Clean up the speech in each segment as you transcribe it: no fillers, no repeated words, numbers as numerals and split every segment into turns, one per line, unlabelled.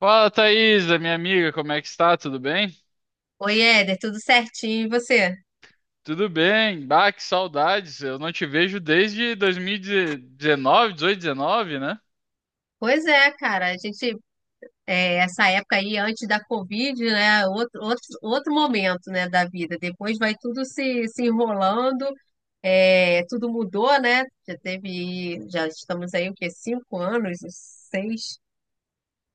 Fala, Thaisa, minha amiga, como é que está? Tudo bem?
Oi, Éder, tudo certinho, e você?
Tudo bem. Bah, que saudades. Eu não te vejo desde 2019, 18, 19, né?
Pois é, cara, a gente, essa época aí, antes da Covid, né, outro momento, né, da vida, depois vai tudo se enrolando, é, tudo mudou, né, já teve, já estamos aí, o quê, cinco anos, seis,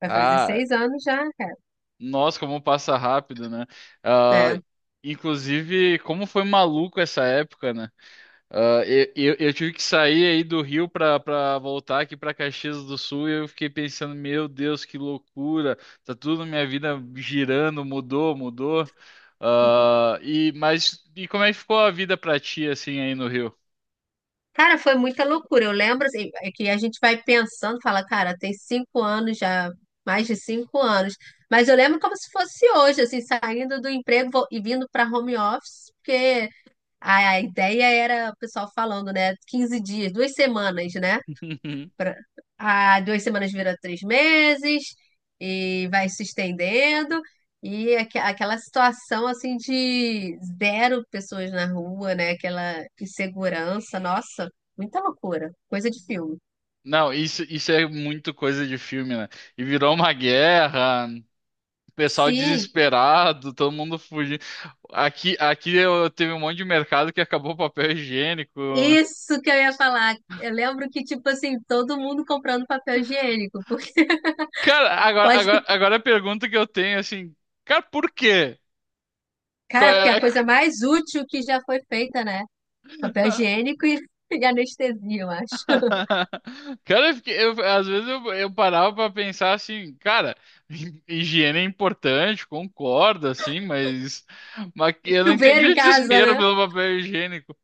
vai fazer
Ah,
seis anos já, cara.
nossa, como passa rápido, né? Ah,
É.
inclusive, como foi maluco essa época, né? Ah, eu tive que sair aí do Rio pra voltar aqui pra Caxias do Sul e eu fiquei pensando, meu Deus, que loucura! Tá tudo na minha vida girando, mudou, mudou. Ah, mas como é que ficou a vida pra ti assim aí no Rio?
Cara, foi muita loucura. Eu lembro assim, é que a gente vai pensando, fala, cara, tem cinco anos já, mais de cinco anos. Mas eu lembro como se fosse hoje, assim, saindo do emprego e vindo para home office, porque a ideia era, o pessoal falando, né, 15 dias, duas semanas, né? pra- a duas semanas vira três meses e vai se estendendo. E aquela situação assim de zero pessoas na rua, né? Aquela insegurança, nossa, muita loucura, coisa de filme.
Não, isso é muito coisa de filme, né? E virou uma guerra, o pessoal
Sim,
desesperado, todo mundo fugindo. Aqui eu, teve um monte de mercado que acabou o papel higiênico.
isso que eu ia falar. Eu lembro que, tipo assim, todo mundo comprando papel higiênico, porque
Cara, agora,
pode,
agora,
fi-
agora a pergunta que eu tenho, assim, cara, por quê? Qual
cara, porque é a
é-
coisa mais útil que já foi feita, né? Papel
a-
higiênico e, e anestesia, eu acho.
Cara, às vezes eu parava pra pensar assim, cara, higiene é importante, concordo, assim, mas, que eu não
Chuveiro
entendi
em
o
casa,
desespero
né?
pelo papel higiênico.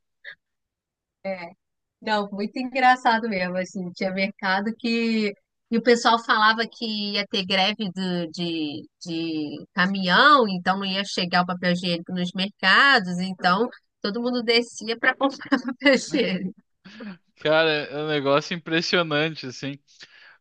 Não, muito engraçado mesmo, assim, tinha mercado que... E o pessoal falava que ia ter greve de caminhão, então não ia chegar o papel higiênico nos mercados, então todo mundo descia para comprar papel higiênico.
Cara, é um negócio impressionante, assim.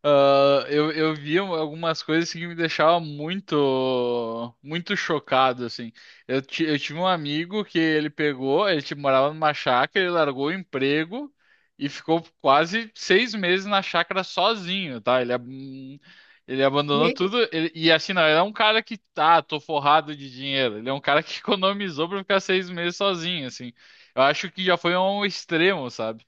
Ah, eu vi um, algumas coisas assim, que me deixavam muito, muito chocado, assim. Eu tive um amigo que ele pegou, ele tipo, morava numa chácara, ele largou o emprego e ficou quase 6 meses na chácara sozinho, tá? Ele abandonou
E-
tudo. E assim, não, ele é um cara que tô forrado de dinheiro. Ele é um cara que economizou pra ficar 6 meses sozinho, assim. Eu acho que já foi um extremo, sabe?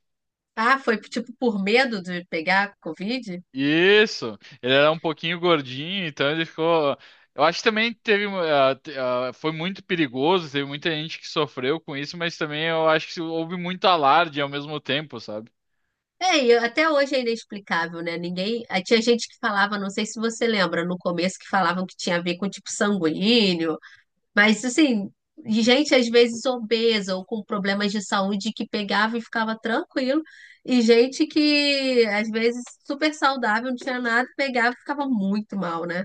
ah, foi tipo por medo de pegar Covid?
Isso, ele era um pouquinho gordinho, então ele ficou. Eu acho que também teve. Foi muito perigoso, teve muita gente que sofreu com isso, mas também eu acho que houve muito alarde ao mesmo tempo, sabe?
É, e até hoje é inexplicável, né? Ninguém. Aí tinha gente que falava, não sei se você lembra, no começo que falavam que tinha a ver com tipo sanguíneo. Mas assim, de gente às vezes obesa ou com problemas de saúde que pegava e ficava tranquilo, e gente que às vezes super saudável, não tinha nada, pegava e ficava muito mal, né?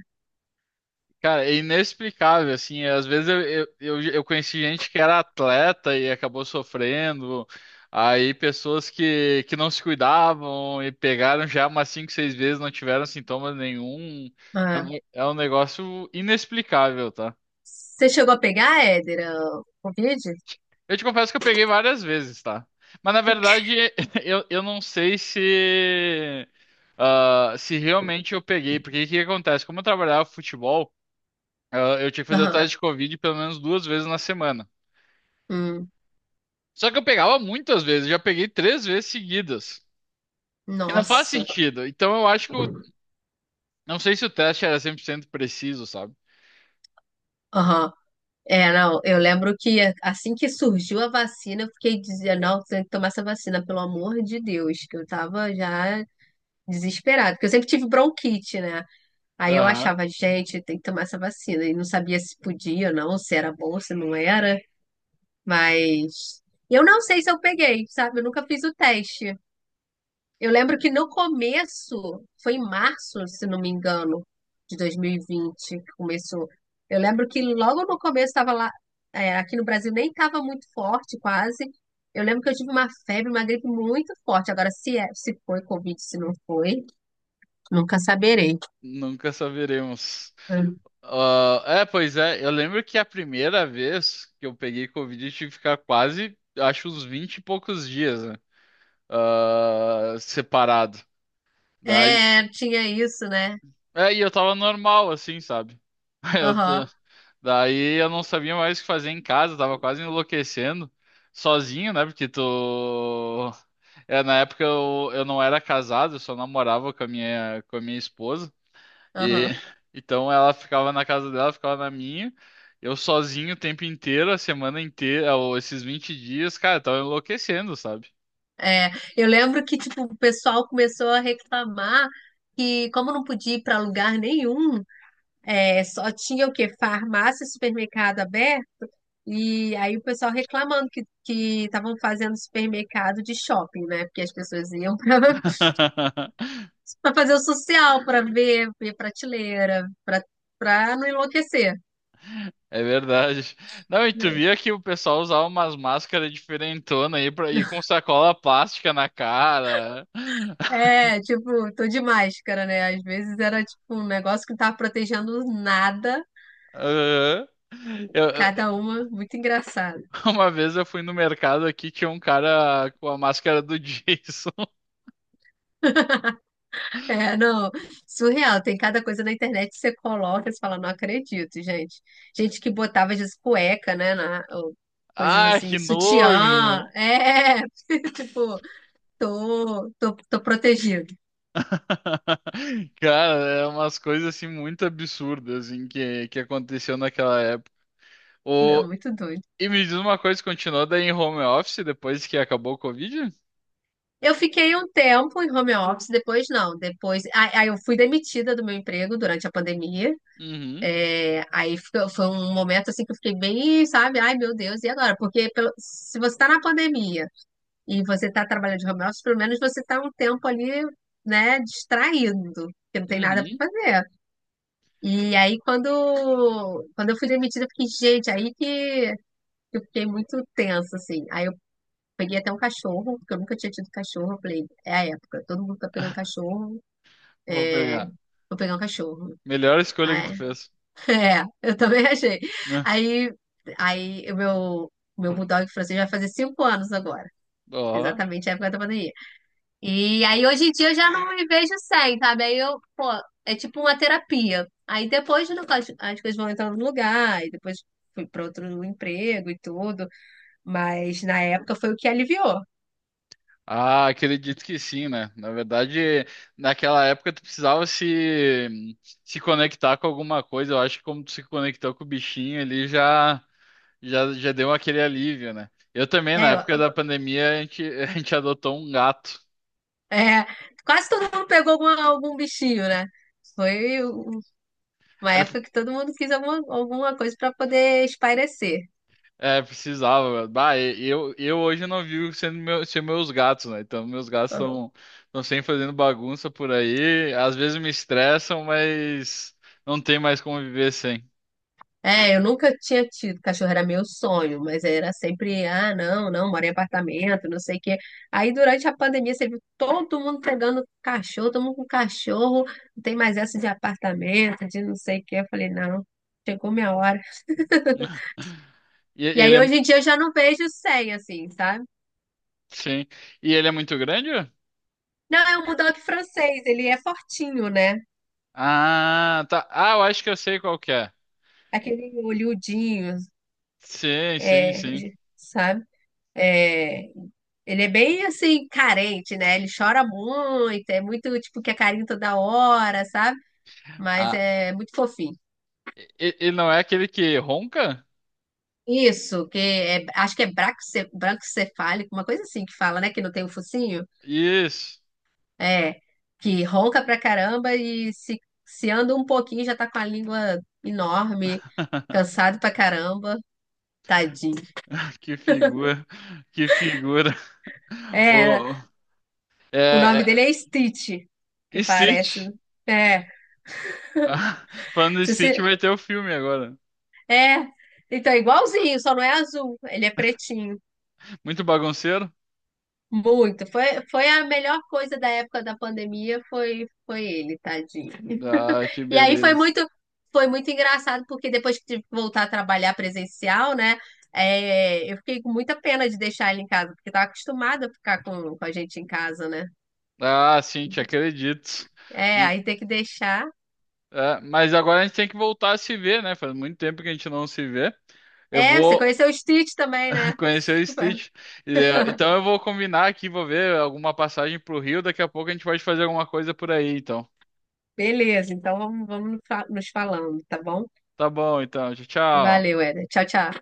Cara, é inexplicável, assim. Às vezes eu conheci gente que era atleta e acabou sofrendo, aí pessoas que não se cuidavam e pegaram já umas cinco, seis vezes, não tiveram sintomas nenhum. É
Ah.
um é um negócio inexplicável, tá?
Você chegou a pegar, Éder, a Covid?
Eu te confesso que eu peguei várias vezes, tá? Mas na verdade, eu não sei se, se realmente eu peguei, porque o que que acontece? Como eu trabalhava futebol, eu tinha que fazer o
Aham.
teste de Covid pelo menos duas vezes na semana.
Hum,
Só que eu pegava muitas vezes, eu já peguei três vezes seguidas. E não faz
nossa.
sentido. Então eu acho que não sei se o teste era 100% preciso, sabe?
Aham. É, não, eu lembro que assim que surgiu a vacina, eu fiquei dizendo, não, tem que tomar essa vacina, pelo amor de Deus, que eu tava já desesperada, porque eu sempre tive bronquite, né? Aí eu
Aham,
achava, gente, tem que tomar essa vacina. E não sabia se podia ou não, se era bom, se não era. Mas eu não sei se eu peguei, sabe? Eu nunca fiz o teste. Eu lembro que no começo, foi em março, se não me engano, de 2020 que começou. Eu lembro que logo no começo estava lá, é, aqui no Brasil nem estava muito forte, quase. Eu lembro que eu tive uma febre, uma gripe muito forte. Agora, se foi Covid, se não foi, nunca saberei.
nunca saberemos. Ah, é, pois é. Eu lembro que a primeira vez que eu peguei Covid, eu tive que ficar quase, acho, uns 20 e poucos dias, né? Ah, separado. Hum. Daí,
É, tinha isso, né?
é, e eu tava normal, assim, sabe? Eu t-
Aham,
daí eu não sabia mais o que fazer em casa, tava quase enlouquecendo, sozinho, né? Porque tu. É, na época eu não era casado, eu só namorava com a minha esposa. E
aham.
então ela ficava na casa dela, ficava na minha. Eu sozinho o tempo inteiro, a semana inteira, ou esses 20 dias, cara, eu tava enlouquecendo, sabe?
É, eu lembro que, tipo, o pessoal começou a reclamar que, como não podia ir para lugar nenhum, é, só tinha o quê? Farmácia e supermercado aberto, e aí o pessoal reclamando que estavam fazendo supermercado de shopping, né? Porque as pessoas iam para para fazer o social, para ver prateleira, para não enlouquecer,
É verdade. Não, e tu
né?
via que o pessoal usava umas máscaras diferentonas aí pra ir com sacola plástica na cara.
É, tipo, tô de máscara, né? Às vezes era tipo um negócio que não tava protegendo nada.
Aham. Eu- eu-
Cada uma muito engraçada.
uma vez eu fui no mercado aqui, tinha um cara com a máscara do Jason.
É, não, surreal. Tem cada coisa na internet que você coloca e você fala, não acredito, gente. Gente que botava às vezes cueca, né? Ou coisas
Ai, que
assim, sutiã.
nojo!
É, tipo, tô protegido.
Cara, é umas coisas assim muito absurdas assim, que aconteceu naquela época.
Não,
O,
muito doido.
e me diz uma coisa, continuou daí em home office depois que acabou o Covid?
Eu fiquei um tempo em home office, depois não. Depois, aí eu fui demitida do meu emprego durante a pandemia.
Uhum,
É, foi um momento assim que eu fiquei bem, sabe? Ai, meu Deus, e agora? Porque se você está na pandemia e você está trabalhando de home office, pelo menos você está um tempo ali, né, distraído, porque não tem nada para
uhum.
fazer. E aí, quando eu fui demitida, eu fiquei, gente, aí que eu fiquei muito tensa, assim. Aí eu peguei até um cachorro, porque eu nunca tinha tido cachorro. Eu falei, é a época, todo mundo tá pegando cachorro,
Vou
é,
pegar.
vou pegar um cachorro.
Melhor escolha que
Ah,
tu fez,
é, é, eu também achei.
né?
Aí, meu bulldog francês vai fazer cinco anos agora,
Ó.
exatamente a época da pandemia. E aí hoje em dia eu já não me vejo sem, sabe? Aí eu, pô, é tipo uma terapia. Aí depois no- as coisas vão entrando no lugar, e depois fui para outro emprego e tudo, mas na época foi o que aliviou.
Ah, acredito que sim, né? Na verdade, naquela época tu precisava se conectar com alguma coisa. Eu acho que como tu se conectou com o bichinho ali já. Já, já deu aquele alívio, né? Eu também,
É,
na época
eu-
da pandemia, a gente, a gente adotou um gato.
É, quase todo mundo pegou algum bichinho, né? Foi o- uma
É,
época que todo mundo quis alguma coisa para poder espairecer.
é, precisava. Bah, eu hoje não vivo sendo meu, ser meus gatos, né? Então, meus gatos estão sempre fazendo bagunça por aí. Às vezes me estressam, mas não tem mais como viver sem.
É, eu nunca tinha tido cachorro, era meu sonho, mas era sempre, ah, não, moro em apartamento, não sei o quê. Aí durante a pandemia você viu todo mundo pegando cachorro, todo mundo com cachorro, não tem mais essa de apartamento, de não sei o quê. Eu falei, não, chegou minha hora.
E
E aí
ele é,
hoje em dia eu já não vejo sem, assim, sabe?
sim. E ele é muito grande?
Não, é um bulldog francês, ele é fortinho, né?
Ah, tá. Ah, eu acho que eu sei qual que é.
Aquele olhudinho,
Sim, sim,
é,
sim.
sabe? É, ele é bem assim, carente, né? Ele chora muito, é muito tipo que é carinho toda hora, sabe? Mas
Ah,
é muito fofinho.
ele não é aquele que ronca?
Isso, que é- acho que é braquicefálico, uma coisa assim que fala, né? Que não tem o focinho.
Isso.
É, que ronca pra caramba e se anda um pouquinho já tá com a língua enorme, cansado pra caramba, tadinho.
Que figura, que figura.
É,
Ô,
o
é,
nome dele
é,
é Stitch, que
e
parece,
Stitch.
né? É,
Ah, falando em
se
Stitch,
você-
vai ter o filme agora.
É, então é igualzinho, só não é azul, ele é pretinho.
Muito bagunceiro?
Muito. Foi a melhor coisa da época da pandemia, foi ele, tadinho.
Ah, que
E aí
beleza.
foi muito engraçado porque depois que tive que voltar a trabalhar presencial, né? É, eu fiquei com muita pena de deixar ele em casa, porque estava acostumada a ficar com a gente em casa, né?
Ah, sim, te acredito.
É,
Hum,
aí ter que deixar.
é, mas agora a gente tem que voltar a se ver, né? Faz muito tempo que a gente não se vê. Eu
É, você
vou
conheceu o Stitch também, né?
conhecer o Stitch. E, é, então eu vou combinar aqui, vou ver alguma passagem pro Rio. Daqui a pouco a gente pode fazer alguma coisa por aí, então.
Beleza, então nos falando, tá bom?
Tá bom, então. Tchau, tchau.
Valeu, Éder. Tchau, tchau.